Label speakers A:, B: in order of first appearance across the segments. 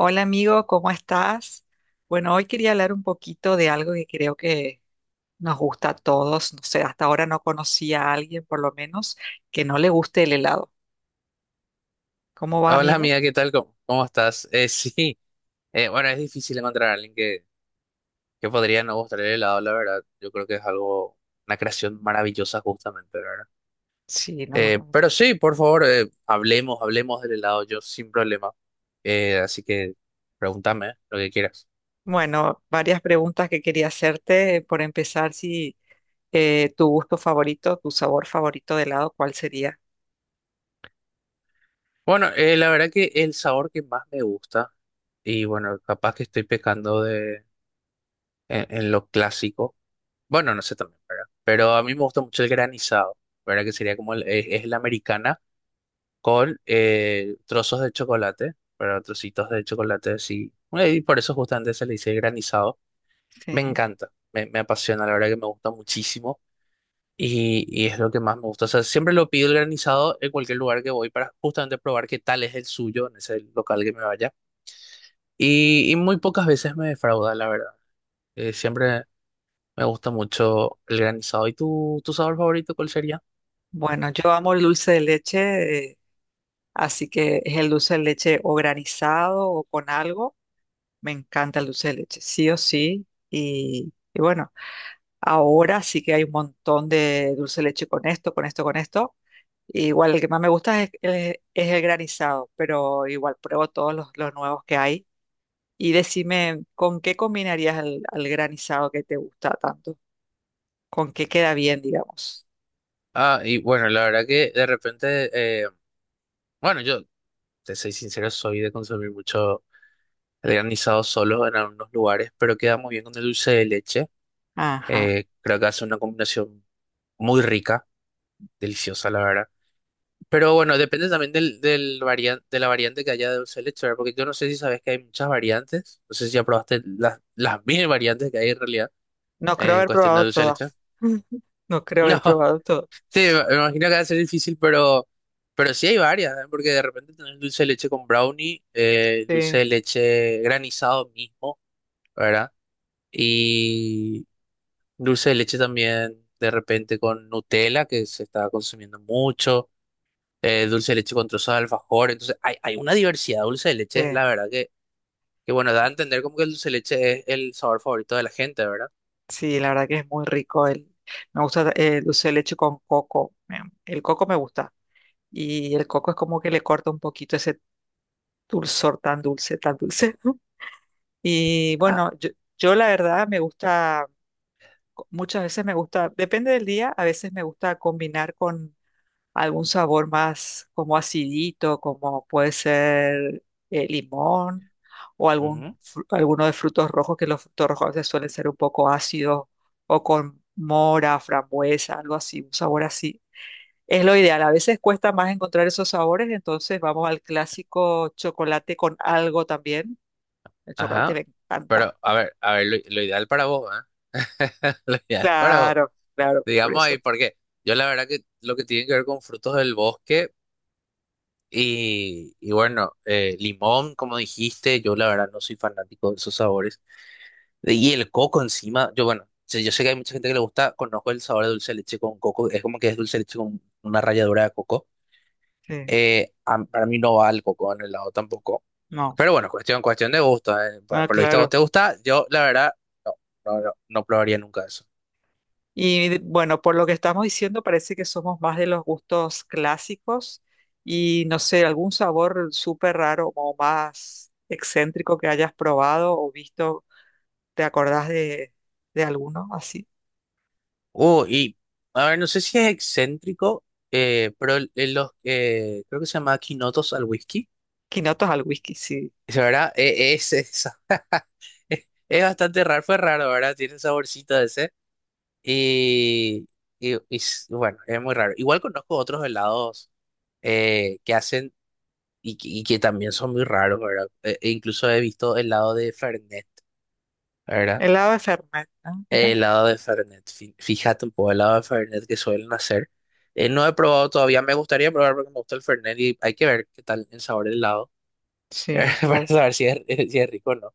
A: Hola amigo, ¿cómo estás? Bueno, hoy quería hablar un poquito de algo que creo que nos gusta a todos. No sé, hasta ahora no conocí a alguien, por lo menos, que no le guste el helado. ¿Cómo va,
B: Hola
A: amigo?
B: amiga, ¿qué tal? ¿¿Cómo estás? Sí, bueno, es difícil encontrar a alguien que podría no gustar el helado, la verdad. Yo creo que es algo, una creación maravillosa justamente, ¿la verdad?
A: Sí, no más.
B: Pero sí, por favor, hablemos, hablemos del helado, yo sin problema. Así que pregúntame lo que quieras.
A: Bueno, varias preguntas que quería hacerte. Por empezar, si tu gusto favorito, tu sabor favorito de helado, ¿cuál sería?
B: Bueno, la verdad que el sabor que más me gusta, y bueno, capaz que estoy pecando de, en lo clásico, bueno, no sé también, ¿verdad? Pero a mí me gusta mucho el granizado, ¿verdad? Que sería como es la americana con trozos de chocolate, pero trocitos de chocolate así. Y por eso justamente se le dice granizado. Me
A: Sí.
B: encanta, me apasiona, la verdad que me gusta muchísimo y es lo que más me gusta. O sea, siempre lo pido el granizado en cualquier lugar que voy para justamente probar qué tal es el suyo en ese local que me vaya. Y muy pocas veces me defrauda, la verdad. Siempre me gusta mucho el granizado. ¿Y tu sabor favorito cuál sería?
A: Bueno, yo amo el dulce de leche, así que es el dulce de leche o granizado o con algo. Me encanta el dulce de leche, sí o sí. Y bueno, ahora sí que hay un montón de dulce de leche con esto, con esto, con esto. Igual el que más me gusta es, el granizado, pero igual pruebo todos los nuevos que hay. Y decime, ¿con qué combinarías el, al granizado que te gusta tanto? ¿Con qué queda bien, digamos?
B: Ah, y bueno, la verdad que de repente, eh, bueno, yo te soy sincero, soy de consumir mucho el granizado solo en algunos lugares, pero queda muy bien con el dulce de leche.
A: Ajá.
B: Creo que hace una combinación muy rica, deliciosa, la verdad. Pero bueno, depende también del de la variante que haya de dulce de leche, ¿verdad? Porque yo no sé si sabes que hay muchas variantes. No sé si ya probaste las mil variantes que hay en realidad
A: No creo
B: en
A: haber
B: cuestión de
A: probado
B: dulce de leche.
A: todas. No creo
B: No,
A: haber probado todas.
B: sí, me imagino que va a ser difícil, pero sí hay varias, ¿eh? Porque de repente tenés dulce de leche con brownie, dulce
A: Sí,
B: de leche granizado mismo. ¿Verdad? Y dulce de leche también, de repente con Nutella, que se está consumiendo mucho, dulce de leche con trozos de alfajor, entonces hay una diversidad de dulce de leche,
A: sí.
B: la verdad que bueno, da a entender como que el dulce de leche es el sabor favorito de la gente, ¿verdad?
A: Sí, la verdad que es muy rico. El, me gusta el dulce de leche con coco. El coco me gusta. Y el coco es como que le corta un poquito ese dulzor tan dulce, tan dulce. Y
B: Ah,
A: bueno, yo la verdad me gusta, muchas veces me gusta, depende del día, a veces me gusta combinar con algún sabor más como acidito, como puede ser limón o
B: ujú,
A: algún, alguno de frutos rojos, que los frutos rojos a veces suelen ser un poco ácidos o con mora, frambuesa, algo así, un sabor así. Es lo ideal. A veces cuesta más encontrar esos sabores, entonces vamos al clásico chocolate con algo también. El chocolate
B: ajá,
A: me encanta.
B: pero a ver, lo ideal para vos, ¿eh? Lo ideal para vos,
A: Claro, claro, por
B: digamos ahí,
A: eso.
B: porque yo la verdad que lo que tiene que ver con frutos del bosque, y bueno, limón, como dijiste, yo la verdad no soy fanático de esos sabores. Y el coco encima, yo bueno, yo sé que hay mucha gente que le gusta, conozco el sabor de dulce de leche con coco, es como que es dulce de leche con una ralladura de coco.
A: Sí,
B: Para mí no va el coco en el helado tampoco.
A: no.
B: Pero bueno, cuestión, cuestión de gusto, eh.
A: Ah,
B: Por lo visto a vos
A: claro.
B: te gusta, yo la verdad no, no, no, no probaría nunca eso.
A: Y bueno, por lo que estamos diciendo, parece que somos más de los gustos clásicos y no sé, algún sabor súper raro o más excéntrico que hayas probado o visto, ¿te acordás de alguno así?
B: Y a ver, no sé si es excéntrico, pero creo que se llama quinotos al whisky.
A: Quinotos al whisky, sí.
B: Esa, ¿verdad? Esa. Es bastante raro, fue raro, ¿verdad? Tiene saborcito ese. Y, y, bueno, es muy raro. Igual conozco otros helados que hacen y que también son muy raros, ¿verdad? E incluso he visto helado de Fernet, ¿verdad?
A: Helado de Fernet, ah, mira.
B: Helado de Fernet. Fíjate un poco, helado de Fernet que suelen hacer. No he probado todavía, me gustaría probar porque me gusta el Fernet y hay que ver qué tal el sabor del helado
A: Sí,
B: para
A: claro,
B: saber si es, si es rico o no.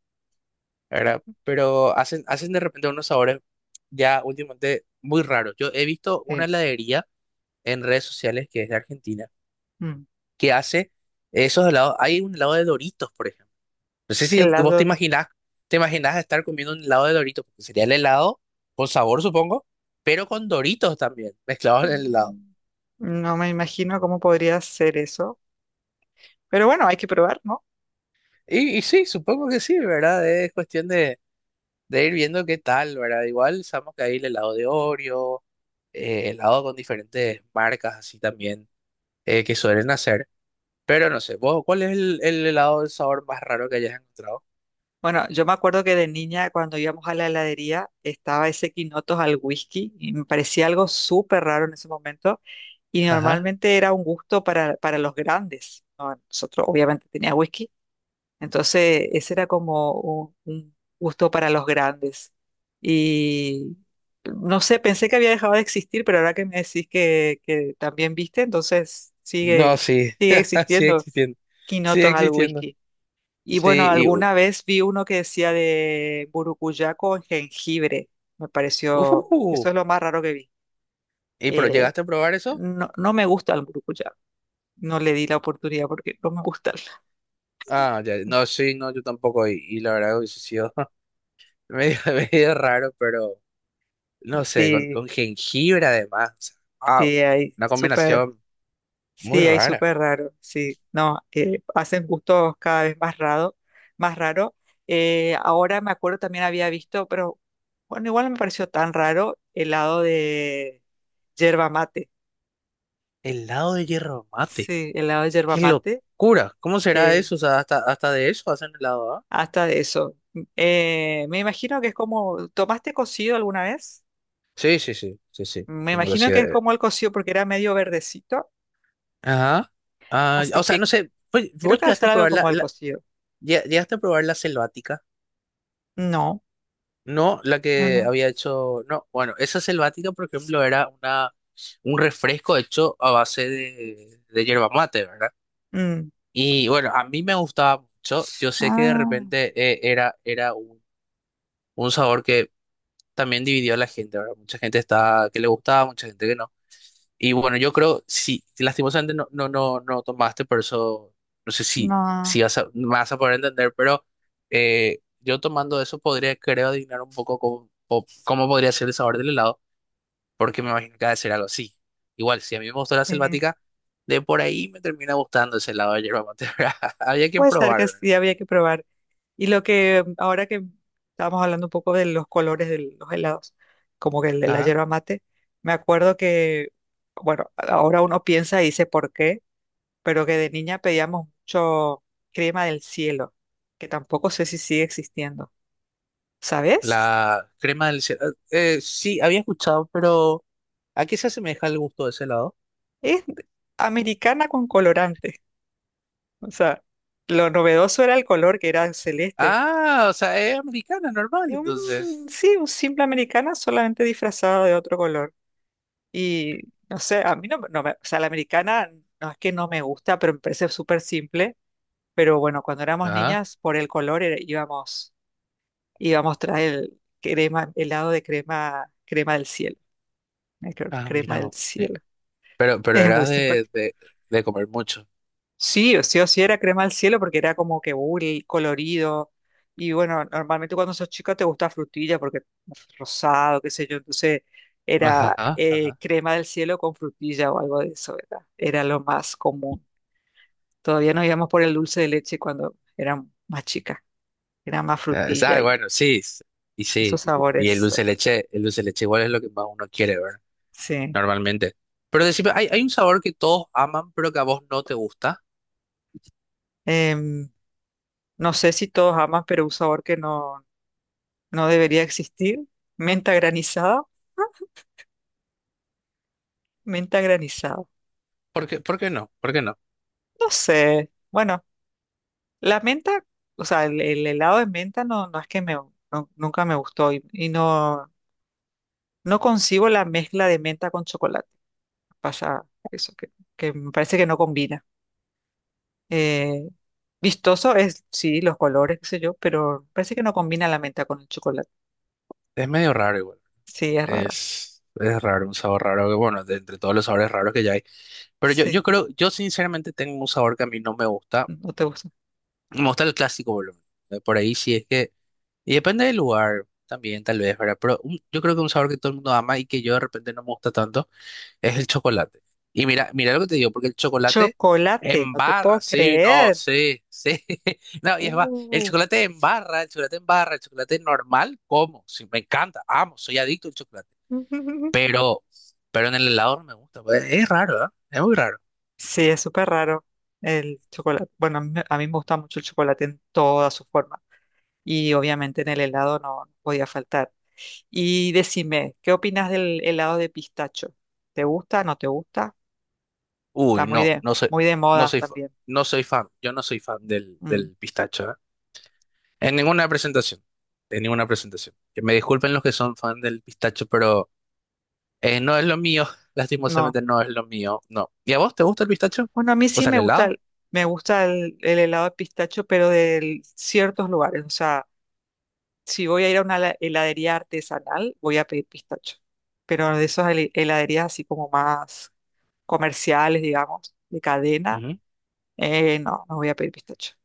B: ¿Verdad? Pero hacen, hacen de repente unos sabores ya últimamente muy raros. Yo he visto una
A: sí.
B: heladería en redes sociales que es de Argentina,
A: Mm.
B: que hace esos helados. Hay un helado de Doritos, por ejemplo. No sé si vos
A: Helado.
B: te imaginás estar comiendo un helado de Doritos, porque sería el helado con sabor, supongo, pero con Doritos también, mezclados en el helado.
A: Mm, no me imagino cómo podría ser eso, pero bueno, hay que probar, ¿no?
B: Y sí, supongo que sí, ¿verdad? Es cuestión de ir viendo qué tal, ¿verdad? Igual sabemos que hay el helado de Oreo, helado con diferentes marcas así también que suelen hacer. Pero no sé, vos, ¿cuál es el helado del sabor más raro que hayas encontrado?
A: Bueno, yo me acuerdo que de niña, cuando íbamos a la heladería, estaba ese quinotos al whisky y me parecía algo súper raro en ese momento. Y
B: Ajá.
A: normalmente era un gusto para los grandes, ¿no? Nosotros, obviamente, tenía whisky. Entonces, ese era como un gusto para los grandes. Y no sé, pensé que había dejado de existir, pero ahora que me decís que también viste, entonces sigue,
B: No, sí,
A: sigue
B: sigue
A: existiendo
B: existiendo, sigue
A: quinotos al
B: existiendo.
A: whisky. Y
B: Sí,
A: bueno,
B: y,
A: alguna vez vi uno que decía de burucuyá con jengibre. Me pareció,
B: uh,
A: eso es lo más raro que vi.
B: ¿y pero
A: Eh,
B: llegaste a probar eso?
A: no, no me gusta el burucuyá. No le di la oportunidad porque no me gusta.
B: Ah, ya, no, sí, no, yo tampoco, y la verdad hubiese sido medio, medio raro, pero no sé,
A: Sí,
B: con jengibre además, o sea, wow,
A: sí, hay
B: una
A: súper,
B: combinación muy
A: sí, hay
B: rara.
A: súper raro. Sí, no, hacen gustos cada vez más raro, más raro. Ahora me acuerdo también había visto, pero bueno, igual no me pareció tan raro helado de yerba mate.
B: Helado de hierro mate,
A: Sí, helado de yerba
B: qué
A: mate
B: locura, ¿cómo será
A: eh,
B: eso? O sea, hasta, hasta de eso hacen helado, ¿ah?
A: hasta de eso. Me imagino que es como, ¿tomaste cocido alguna vez?
B: Sí, sí, sí, sí, sí.
A: Me
B: Como que
A: imagino
B: sí,
A: que es como el cocido porque era medio verdecito,
B: ajá. Ah,
A: así
B: o sea,
A: que
B: no sé, pues, vos
A: creo que va a
B: llegaste
A: ser
B: a
A: algo
B: probar la,
A: como el
B: la-
A: cocido.
B: llegaste a probar la selvática.
A: No,
B: No, la
A: no,
B: que
A: no.
B: había hecho, no, bueno, esa selvática, por ejemplo, era una un refresco hecho a base de yerba mate, ¿verdad?
A: Mm.
B: Y bueno, a mí me gustaba mucho. Yo sé que de
A: Ah,
B: repente era un sabor que también dividió a la gente, ¿verdad? Mucha gente estaba que le gustaba, mucha gente que no. Y bueno, yo creo, sí, lastimosamente no, no, no, no tomaste, por eso no sé si,
A: no.
B: si vas a, me vas a poder entender, pero yo tomando eso podría, creo, adivinar un poco cómo podría ser el sabor del helado, porque me imagino que ha de ser algo así. Igual, si a mí me gustó la
A: eh,
B: selvática, de por ahí me termina gustando ese helado de yerba mate. ¿Verdad? Había que
A: Puede ser
B: probar,
A: que
B: ¿verdad?
A: sí, había que probar. Y lo que ahora que estábamos hablando un poco de los colores de los helados, como que el de la
B: Ah,
A: yerba mate, me acuerdo que, bueno, ahora uno piensa y dice por qué. Pero que de niña pedíamos mucho crema del cielo, que tampoco sé si sigue existiendo. ¿Sabes?
B: la crema del Sí, había escuchado, pero ¿a qué se asemeja el gusto de ese helado?
A: Es americana con colorante. O sea, lo novedoso era el color, que era celeste.
B: Ah, o sea, es americana, normal,
A: Y
B: entonces.
A: sí, un simple americana solamente disfrazado de otro color. Y no sé, a mí no, no me, o sea, la americana no es que no me gusta, pero me parece súper simple. Pero bueno, cuando éramos
B: Ajá.
A: niñas, por el color íbamos, íbamos tras el crema, helado de crema, crema del cielo. Ay, claro,
B: Ah,
A: crema
B: mira
A: del
B: vos.
A: cielo.
B: Pero
A: Es muy
B: eras
A: simpático.
B: de comer mucho.
A: Sí, o sí o sí era crema del cielo porque era como que y colorido. Y bueno, normalmente cuando sos chica te gusta frutilla porque es rosado, qué sé yo. Entonces era
B: Ajá, ajá.
A: crema del cielo con frutilla o algo de eso, ¿verdad? Era lo más común. Todavía no íbamos por el dulce de leche cuando era más chica. Era más frutilla y
B: Bueno, sí. Y
A: esos
B: sí. Y el
A: sabores.
B: dulce de leche, el dulce de leche igual es lo que más uno quiere, ¿verdad?
A: Sí.
B: Normalmente. Pero decime, ¿hay, hay un sabor que todos aman, pero que a vos no te gusta?
A: Em, no sé si todos aman, pero un sabor que no, no debería existir. Menta granizada, menta granizada.
B: Por qué no? ¿Por qué no?
A: No sé. Bueno, la menta, o sea, el helado de menta no, no es que me, nunca me gustó y no, no concibo la mezcla de menta con chocolate. Pasa eso, que me parece que no combina. Eh, vistoso es, sí, los colores, qué sé yo, pero parece que no combina la menta con el chocolate.
B: Es medio raro igual.
A: Sí, es rara.
B: Es raro, un sabor raro que, bueno, de entre todos los sabores raros que ya hay. Pero yo
A: Sí,
B: creo, yo sinceramente tengo un sabor que a mí no me gusta.
A: no te gusta.
B: Me gusta el clásico, boludo. Por ahí sí es que. Y depende del lugar también, tal vez, ¿verdad? Pero yo creo que un sabor que todo el mundo ama y que yo de repente no me gusta tanto es el chocolate. Y mira, mira lo que te digo, porque el chocolate
A: Chocolate,
B: en
A: no te puedo
B: barra, sí, no,
A: creer.
B: sí, sí. No, y es va, el
A: Uh.
B: chocolate en barra, el chocolate en barra, el chocolate normal, como, sí, me encanta, amo, soy adicto al chocolate. Pero, pero en el helado no me gusta, pues, es raro, ¿verdad? Es muy raro.
A: Sí, es súper raro el chocolate. Bueno, a mí me gusta mucho el chocolate en toda su forma. Y obviamente en el helado no, no podía faltar. Y decime, ¿qué opinas del helado de pistacho? ¿Te gusta? ¿No te gusta? Está
B: Uy, no,
A: muy de
B: no
A: moda
B: soy, fa-
A: también.
B: no soy fan, yo no soy fan del,
A: Mm,
B: del pistacho, ¿eh? En ninguna presentación. En ninguna presentación. Que me disculpen los que son fan del pistacho, pero no es lo mío.
A: no.
B: Lastimosamente no es lo mío. No. ¿Y a vos te gusta el pistacho?
A: Bueno, a mí
B: O
A: sí
B: sea,
A: me
B: el
A: gusta
B: helado.
A: me gusta el helado de pistacho, pero de ciertos lugares. O sea, si voy a ir a una heladería artesanal, voy a pedir pistacho. Pero de esas heladerías así como más comerciales, digamos, de cadena, no, no voy a pedir pistacho.